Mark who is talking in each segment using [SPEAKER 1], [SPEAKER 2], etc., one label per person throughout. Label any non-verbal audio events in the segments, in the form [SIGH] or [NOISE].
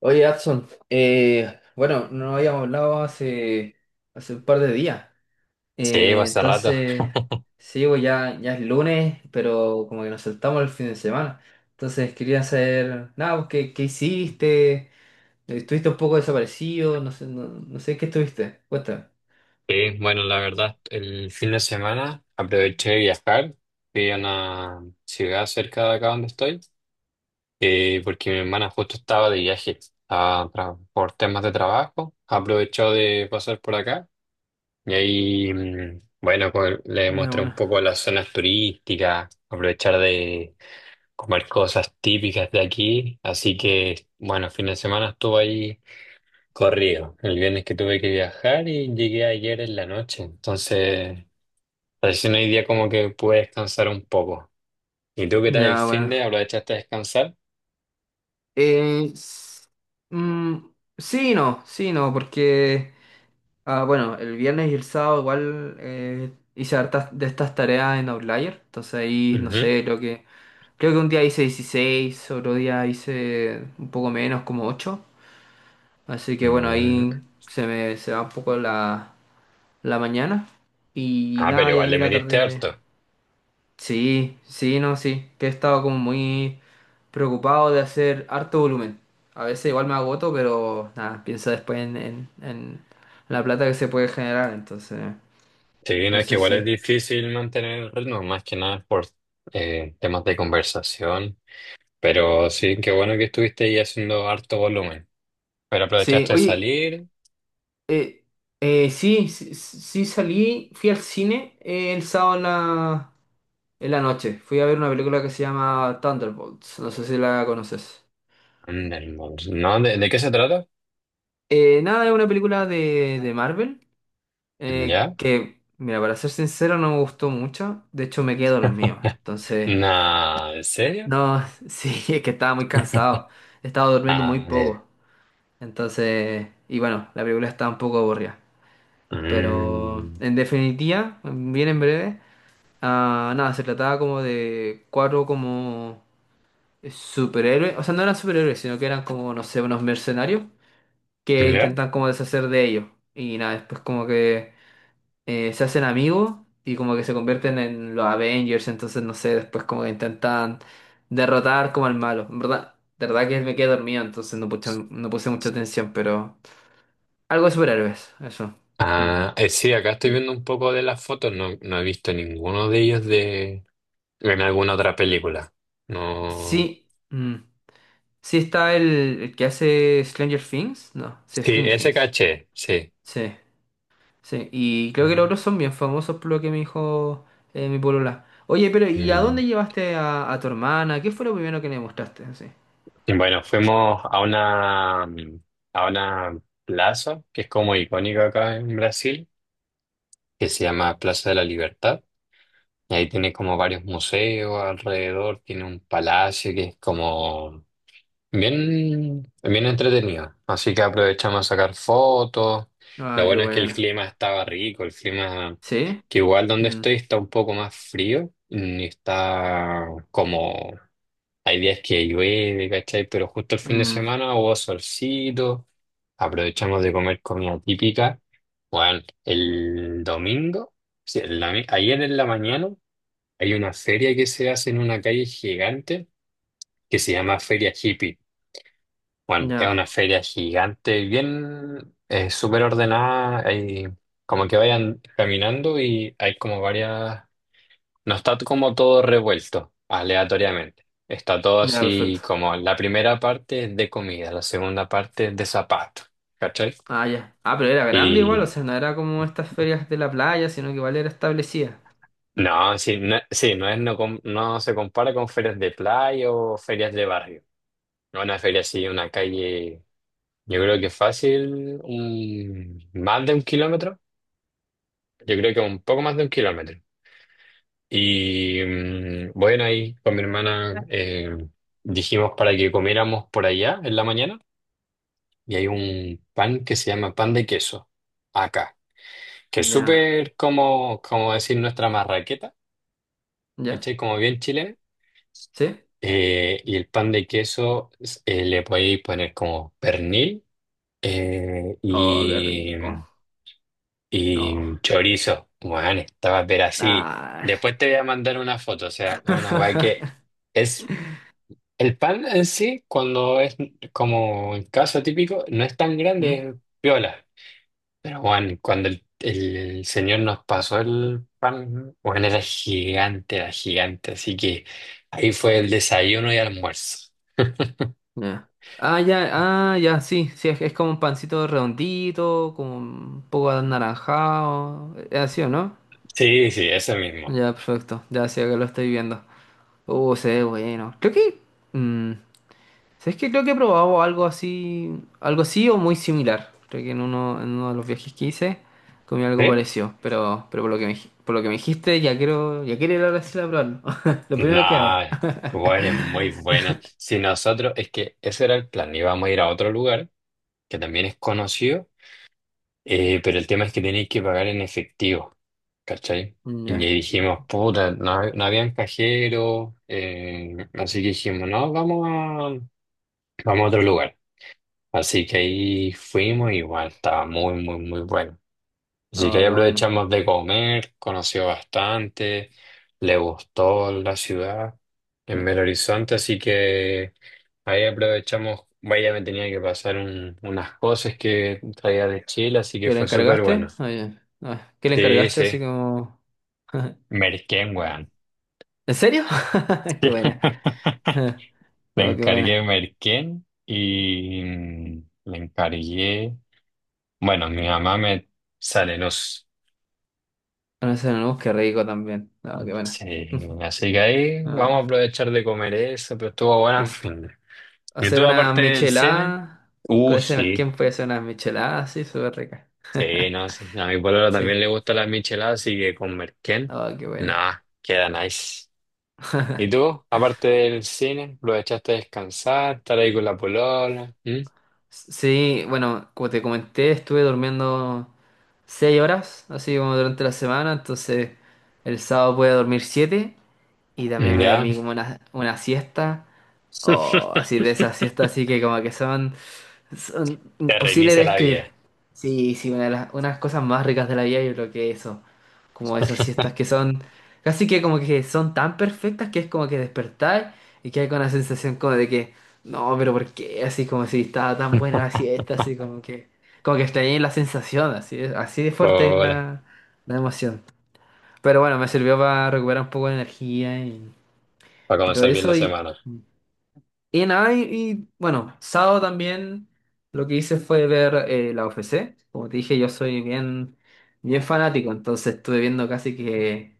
[SPEAKER 1] Oye, Adson, bueno, no habíamos hablado hace un par de días.
[SPEAKER 2] Sí, fue
[SPEAKER 1] Eh,
[SPEAKER 2] hace rato.
[SPEAKER 1] entonces,
[SPEAKER 2] [LAUGHS]
[SPEAKER 1] sí, pues ya es lunes, pero como que nos saltamos el fin de semana. Entonces, quería saber, nada, pues, ¿qué hiciste? ¿Estuviste un poco desaparecido? No sé, no sé qué estuviste. Cuéntame.
[SPEAKER 2] Sí, bueno, la verdad, el fin de semana aproveché de viajar. Fui a una ciudad cerca de acá donde estoy, porque mi hermana justo estaba de viaje, por temas de trabajo. Aprovechó de pasar por acá y ahí, bueno, pues, le
[SPEAKER 1] Ya,
[SPEAKER 2] mostré un
[SPEAKER 1] bueno.
[SPEAKER 2] poco las zonas turísticas, aprovechar de comer cosas típicas de aquí. Así que, bueno, fin de semana estuve ahí corrido. El viernes que tuve que viajar y llegué ayer en la noche. Entonces, recién hoy día como que pude descansar un poco. ¿Y tú qué tal el
[SPEAKER 1] Ya,
[SPEAKER 2] fin
[SPEAKER 1] bueno.
[SPEAKER 2] de? ¿Aprovechaste a descansar?
[SPEAKER 1] Eh, s- mm, sí, y no, porque... Ah, bueno, el viernes y el sábado igual hice hartas de estas tareas en Outlier. Entonces ahí, no
[SPEAKER 2] Ujú.
[SPEAKER 1] sé, creo que un día hice 16, otro día hice un poco menos, como 8. Así que bueno,
[SPEAKER 2] Mm.
[SPEAKER 1] ahí se va un poco la mañana. Y
[SPEAKER 2] Ah, pero
[SPEAKER 1] nada, y
[SPEAKER 2] igual le
[SPEAKER 1] ahí la
[SPEAKER 2] metiste
[SPEAKER 1] tarde.
[SPEAKER 2] harto.
[SPEAKER 1] Sí, sí, no, sí. Que he estado como muy preocupado de hacer harto volumen. A veces igual me agoto, pero nada, pienso después en la plata que se puede generar. Entonces,
[SPEAKER 2] Sí, no, es que
[SPEAKER 1] entonces
[SPEAKER 2] igual es
[SPEAKER 1] sí.
[SPEAKER 2] difícil mantener el ritmo, más que nada por temas de conversación. Pero sí, qué bueno que estuviste ahí haciendo harto volumen. Pero
[SPEAKER 1] Sí,
[SPEAKER 2] aprovechaste de
[SPEAKER 1] oye,
[SPEAKER 2] salir.
[SPEAKER 1] eh, sí, sí salí, fui al cine el sábado en en la noche. Fui a ver una película que se llama Thunderbolts, no sé si la conoces.
[SPEAKER 2] Anda, hermoso. ¿No? ¿De qué se trata?
[SPEAKER 1] Nada, es una película de Marvel,
[SPEAKER 2] ¿Ya?
[SPEAKER 1] que, mira, para ser sincero, no me gustó mucho. De hecho, me quedo los míos. Entonces,
[SPEAKER 2] Nah, ¿en serio?
[SPEAKER 1] no, [LAUGHS] sí, es que estaba muy cansado. Estaba durmiendo muy
[SPEAKER 2] Ah, ya.
[SPEAKER 1] poco. Entonces, y bueno, la película estaba un poco aburrida. Pero,
[SPEAKER 2] Mm.
[SPEAKER 1] en definitiva, bien en breve. Ah, nada, se trataba como de cuatro como superhéroes, o sea, no eran superhéroes, sino que eran como, no sé, unos mercenarios que
[SPEAKER 2] ¿Ya?
[SPEAKER 1] intentan como deshacer de ellos. Y nada, después como que se hacen amigos y como que se convierten en los Avengers, entonces no sé, después como que intentan derrotar como al malo. En verdad, de verdad que me quedé dormido, entonces no puse mucha atención, pero algo de superhéroes, eso. Mm,
[SPEAKER 2] Ah, sí, acá estoy
[SPEAKER 1] sí.
[SPEAKER 2] viendo un poco de las fotos. No, no he visto ninguno de ellos de en alguna otra película. No.
[SPEAKER 1] Sí. Mm. Sí está el que hace Stranger Things. No, sí,
[SPEAKER 2] Sí,
[SPEAKER 1] Stranger
[SPEAKER 2] ese
[SPEAKER 1] Things.
[SPEAKER 2] caché, sí.
[SPEAKER 1] Sí, sí. Y creo que los otros son bien famosos por lo que me dijo mi polola. Oye, pero ¿y a
[SPEAKER 2] Mm.
[SPEAKER 1] dónde llevaste a tu hermana? ¿Qué fue lo primero que le mostraste? Así.
[SPEAKER 2] Y bueno, fuimos a una plaza que es como icónica acá en Brasil, que se llama Plaza de la Libertad. Y ahí tiene como varios museos alrededor, tiene un palacio que es como bien, bien entretenido. Así que aprovechamos a sacar fotos. Lo
[SPEAKER 1] Ah, qué
[SPEAKER 2] bueno es que el
[SPEAKER 1] bueno.
[SPEAKER 2] clima estaba rico, el clima
[SPEAKER 1] ¿Sí?
[SPEAKER 2] que igual donde
[SPEAKER 1] Mm,
[SPEAKER 2] estoy está un poco más frío, ni está como hay días que llueve, ¿cachai? Pero justo el fin de
[SPEAKER 1] mm,
[SPEAKER 2] semana hubo solcito, aprovechamos de comer comida típica. Bueno, el domingo, sí, ayer en la mañana hay una feria que se hace en una calle gigante que se llama Feria Hippie. Bueno, es
[SPEAKER 1] ya,
[SPEAKER 2] una feria gigante, bien, súper ordenada, hay como que vayan caminando y hay como varias, no está como todo revuelto aleatoriamente, está todo
[SPEAKER 1] ya,
[SPEAKER 2] así
[SPEAKER 1] perfecto.
[SPEAKER 2] como la primera parte es de comida, la segunda parte es de zapatos, ¿cachai?
[SPEAKER 1] Ah, ya. Ah, pero era grande igual, o
[SPEAKER 2] Y
[SPEAKER 1] sea, no era como estas ferias de la playa, sino que igual era establecida.
[SPEAKER 2] no, sí, no, sí, no es, no, no se compara con ferias de playa o ferias de barrio, una feria así, una calle, yo creo que fácil, más de un kilómetro. Yo creo que un poco más de un kilómetro. Y bueno, ahí con mi hermana dijimos para que comiéramos por allá en la mañana. Y hay un pan que se llama pan de queso acá, que es
[SPEAKER 1] Ya,
[SPEAKER 2] súper como, como decir nuestra marraqueta,
[SPEAKER 1] ya.
[SPEAKER 2] ¿cachai? Como bien chilena.
[SPEAKER 1] ¿Sí?
[SPEAKER 2] Y el pan de queso le podéis poner como pernil eh,,
[SPEAKER 1] Oh, qué
[SPEAKER 2] y,
[SPEAKER 1] rico. No.
[SPEAKER 2] Y chorizo, bueno, estaba pero así.
[SPEAKER 1] Ah.
[SPEAKER 2] Después te voy a mandar una foto, o sea, una guay que
[SPEAKER 1] [LAUGHS]
[SPEAKER 2] es el pan en sí, cuando es como el caso típico, no es tan grande,
[SPEAKER 1] ¿Mm?
[SPEAKER 2] es piola. Pero bueno, cuando el señor nos pasó el pan, bueno, era gigante, así que ahí fue el desayuno y almuerzo.
[SPEAKER 1] Ya. Ah, ya, ah, ya, sí, sí, es como un pancito redondito, como un poco anaranjado, es así, ¿o no?
[SPEAKER 2] Sí, sí, eso mismo.
[SPEAKER 1] Ya, perfecto, ya, sí, acá lo estoy viendo. Se ve bueno. Creo que, mm, ¿sabes qué? Creo que he probado algo así o muy similar. Creo que en uno de los viajes que hice comí
[SPEAKER 2] ¿Sí?
[SPEAKER 1] algo parecido, pero, por lo que me dijiste, ya quiero ir a Brasil a probarlo. [LAUGHS] Lo primero que
[SPEAKER 2] No,
[SPEAKER 1] haga.
[SPEAKER 2] Cuba
[SPEAKER 1] [LAUGHS]
[SPEAKER 2] es muy buena. Si nosotros, es que ese era el plan, íbamos a ir a otro lugar que también es conocido, pero el tema es que tenéis que pagar en efectivo, ¿cachai? Y
[SPEAKER 1] Ya,
[SPEAKER 2] dijimos, puta, no, no habían cajeros, así que dijimos, no, vamos a otro lugar. Así que ahí fuimos y bueno, estaba muy, muy, muy bueno. Así que
[SPEAKER 1] oh,
[SPEAKER 2] ahí
[SPEAKER 1] qué bueno.
[SPEAKER 2] aprovechamos de comer, conoció bastante, le gustó la ciudad en Belo Horizonte, así que ahí aprovechamos, vaya, me tenía que pasar unas cosas que traía de Chile, así que
[SPEAKER 1] ¿Que le
[SPEAKER 2] fue súper bueno.
[SPEAKER 1] encargaste? Ah, ya. Ah, ¿que le
[SPEAKER 2] Sí,
[SPEAKER 1] encargaste
[SPEAKER 2] sí,
[SPEAKER 1] así como... [LAUGHS]
[SPEAKER 2] merquén, weón.
[SPEAKER 1] ¿En serio? [LAUGHS] Qué buena.
[SPEAKER 2] [LAUGHS]
[SPEAKER 1] [LAUGHS]
[SPEAKER 2] Le
[SPEAKER 1] Oh, qué buena.
[SPEAKER 2] encargué merquén y le encargué, bueno, mi mamá me sale,
[SPEAKER 1] Una, no, qué rico también. No, qué buena.
[SPEAKER 2] sí,
[SPEAKER 1] [LAUGHS]
[SPEAKER 2] así que ahí vamos a
[SPEAKER 1] Ah,
[SPEAKER 2] aprovechar de comer eso, pero estuvo bueno al
[SPEAKER 1] sí.
[SPEAKER 2] fin. De. ¿Y
[SPEAKER 1] Hacer
[SPEAKER 2] tú
[SPEAKER 1] una
[SPEAKER 2] aparte del cine?
[SPEAKER 1] michelada. Con ese
[SPEAKER 2] Sí,
[SPEAKER 1] merquén puede hacer una michelada así, súper rica.
[SPEAKER 2] sí,
[SPEAKER 1] [LAUGHS]
[SPEAKER 2] no, sí. A mi pololo
[SPEAKER 1] Sí.
[SPEAKER 2] también le gusta la michelada, así que con merquén,
[SPEAKER 1] Oh, qué buena.
[SPEAKER 2] nada, queda nice. ¿Y
[SPEAKER 1] [LAUGHS]
[SPEAKER 2] tú, aparte del cine, aprovechaste de descansar, estar ahí con la polola? ¿Mm?
[SPEAKER 1] Sí, bueno, como te comenté, estuve durmiendo 6 horas, así como durante la semana, entonces el sábado pude dormir 7. Y también
[SPEAKER 2] Mm,
[SPEAKER 1] me
[SPEAKER 2] ¿ya?
[SPEAKER 1] dormí como una siesta. O así de
[SPEAKER 2] [LAUGHS]
[SPEAKER 1] esas siestas así que como que son
[SPEAKER 2] Te
[SPEAKER 1] imposibles de
[SPEAKER 2] reinicia la
[SPEAKER 1] escribir.
[SPEAKER 2] vida.
[SPEAKER 1] Sí, sí, una de las unas cosas más ricas de la vida yo creo que eso. Como esas siestas que son casi que como que son tan perfectas que es como que despertar y que hay con la sensación como de que no, pero ¿por qué? Así como si estaba tan buena la siesta, así como que extrañé la sensación, así de fuerte es
[SPEAKER 2] Hola,
[SPEAKER 1] la emoción. Pero bueno, me sirvió para recuperar un poco de energía
[SPEAKER 2] para
[SPEAKER 1] y todo
[SPEAKER 2] comenzar bien la
[SPEAKER 1] eso.
[SPEAKER 2] semana.
[SPEAKER 1] Y nada, y, bueno, sábado también lo que hice fue ver la UFC. Como te dije, yo soy bien fanático, entonces estuve viendo casi que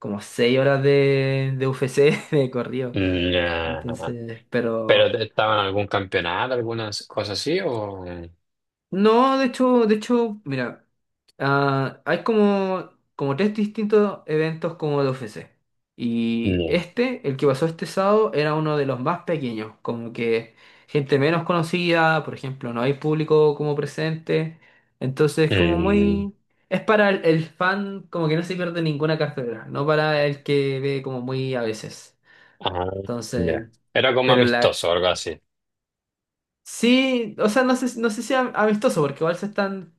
[SPEAKER 1] como 6 horas de UFC [LAUGHS] de corrido.
[SPEAKER 2] Nah.
[SPEAKER 1] Entonces,
[SPEAKER 2] ¿Pero
[SPEAKER 1] pero...
[SPEAKER 2] te- estaba en algún campeonato, algunas cosas así o...?
[SPEAKER 1] No, de hecho, mira, ah, hay como, como 3 distintos eventos como de UFC. Y
[SPEAKER 2] No.
[SPEAKER 1] este, el que pasó este sábado, era uno de los más pequeños, como que gente menos conocida, por ejemplo, no hay público como presente. Entonces, como
[SPEAKER 2] Mm,
[SPEAKER 1] muy... Es para el fan, como que no se pierde ninguna cartelera, no para el que ve como muy a veces.
[SPEAKER 2] ah,
[SPEAKER 1] Entonces,
[SPEAKER 2] ya. Era como
[SPEAKER 1] pero la,
[SPEAKER 2] amistoso o algo así.
[SPEAKER 1] sí, o sea, no sé, no sé si am- amistoso, porque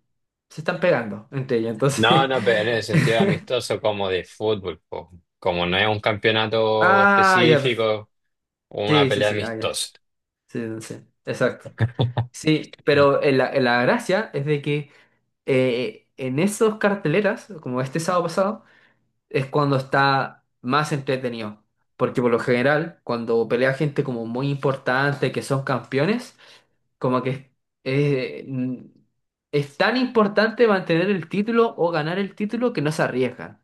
[SPEAKER 1] se están pegando entre ellos,
[SPEAKER 2] No,
[SPEAKER 1] entonces.
[SPEAKER 2] no, pero en el sentido de
[SPEAKER 1] [LAUGHS]
[SPEAKER 2] amistoso como de fútbol, po. Como no es un campeonato
[SPEAKER 1] Ah, ya, perf-
[SPEAKER 2] específico una
[SPEAKER 1] sí, sí,
[SPEAKER 2] pelea
[SPEAKER 1] sí, ah, ya, sí,
[SPEAKER 2] amistosa.
[SPEAKER 1] sí, no sé, exacto.
[SPEAKER 2] [LAUGHS]
[SPEAKER 1] Sí, pero la gracia es de que en esos carteleras, como este sábado pasado, es cuando está más entretenido. Porque por lo general, cuando pelea gente como muy importante, que son campeones, como que eh, mm, es tan importante mantener el título o ganar el título que no se arriesgan.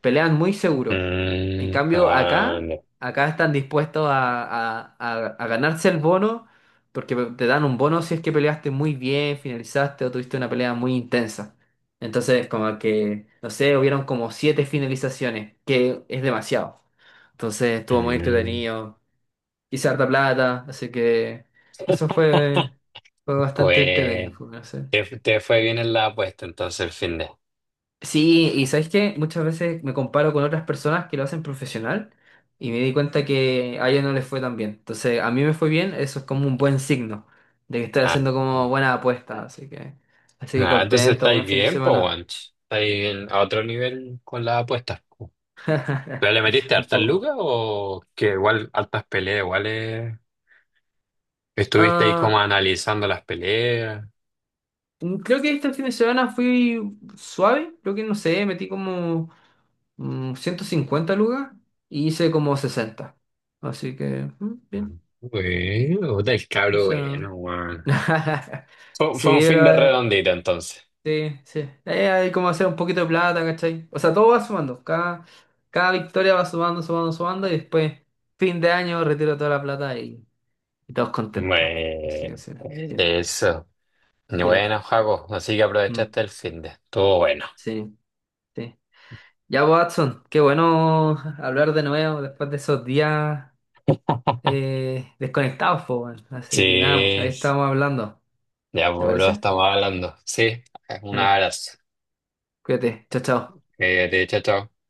[SPEAKER 1] Pelean muy seguro. En
[SPEAKER 2] Mm,
[SPEAKER 1] cambio,
[SPEAKER 2] ah, no.
[SPEAKER 1] acá están dispuestos a ganarse el bono porque te dan un bono si es que peleaste muy bien, finalizaste o tuviste una pelea muy intensa. Entonces, como que, no sé, hubieron como 7 finalizaciones, que es demasiado. Entonces, estuvo muy
[SPEAKER 2] Mm.
[SPEAKER 1] entretenido, hice harta plata, así que eso fue,
[SPEAKER 2] [LAUGHS]
[SPEAKER 1] fue bastante entretenido,
[SPEAKER 2] Pues,
[SPEAKER 1] fue, no sé.
[SPEAKER 2] te fue bien en la apuesta entonces el fin de...
[SPEAKER 1] Sí, y ¿sabes qué? Muchas veces me comparo con otras personas que lo hacen profesional y me di cuenta que a ellos no les fue tan bien. Entonces, a mí me fue bien, eso es como un buen signo de que estoy
[SPEAKER 2] Ah.
[SPEAKER 1] haciendo como buena apuesta, así que
[SPEAKER 2] Ah, entonces
[SPEAKER 1] contento,
[SPEAKER 2] estáis
[SPEAKER 1] buen fin de
[SPEAKER 2] bien, po,
[SPEAKER 1] semana.
[SPEAKER 2] guancho. Estáis en- a otro nivel con las apuestas. Po. ¿Pero le metiste
[SPEAKER 1] [LAUGHS] Un
[SPEAKER 2] hartas lucas
[SPEAKER 1] poco.
[SPEAKER 2] o que igual hartas peleas, igual estuviste ahí como
[SPEAKER 1] Ah,
[SPEAKER 2] analizando las peleas?
[SPEAKER 1] mm, creo que este fin de semana fui suave, creo que no sé, metí como mm, 150 lucas y hice como 60. Así que, mm, bien.
[SPEAKER 2] Bueno, puta, el
[SPEAKER 1] O
[SPEAKER 2] cabro
[SPEAKER 1] sea,
[SPEAKER 2] bueno, weón.
[SPEAKER 1] [LAUGHS]
[SPEAKER 2] Fue,
[SPEAKER 1] sí,
[SPEAKER 2] fue un fin
[SPEAKER 1] pero
[SPEAKER 2] de redondito entonces.
[SPEAKER 1] sí, sí. Hay como hacer un poquito de plata, ¿cachai? O sea, todo va sumando. Cada victoria va sumando, sumando, sumando y después, fin de año, retiro toda la plata y todos contentos. Así que
[SPEAKER 2] Bueno,
[SPEAKER 1] sí, sí,
[SPEAKER 2] eso.
[SPEAKER 1] sí.
[SPEAKER 2] Bueno, Jaco, así que
[SPEAKER 1] Mm,
[SPEAKER 2] aprovechaste el fin de. Estuvo bueno.
[SPEAKER 1] sí, sí. Ya, pues, Watson, qué bueno hablar de nuevo después de esos días
[SPEAKER 2] [LAUGHS]
[SPEAKER 1] desconectados, po, weón. Así que nada, pues, ahí
[SPEAKER 2] Sí,
[SPEAKER 1] estamos hablando.
[SPEAKER 2] ya,
[SPEAKER 1] ¿Te
[SPEAKER 2] pues, bro,
[SPEAKER 1] parece?
[SPEAKER 2] estamos hablando. Sí, un
[SPEAKER 1] Dale,
[SPEAKER 2] abrazo.
[SPEAKER 1] cuídate, chao, chao.
[SPEAKER 2] Te chao, chao.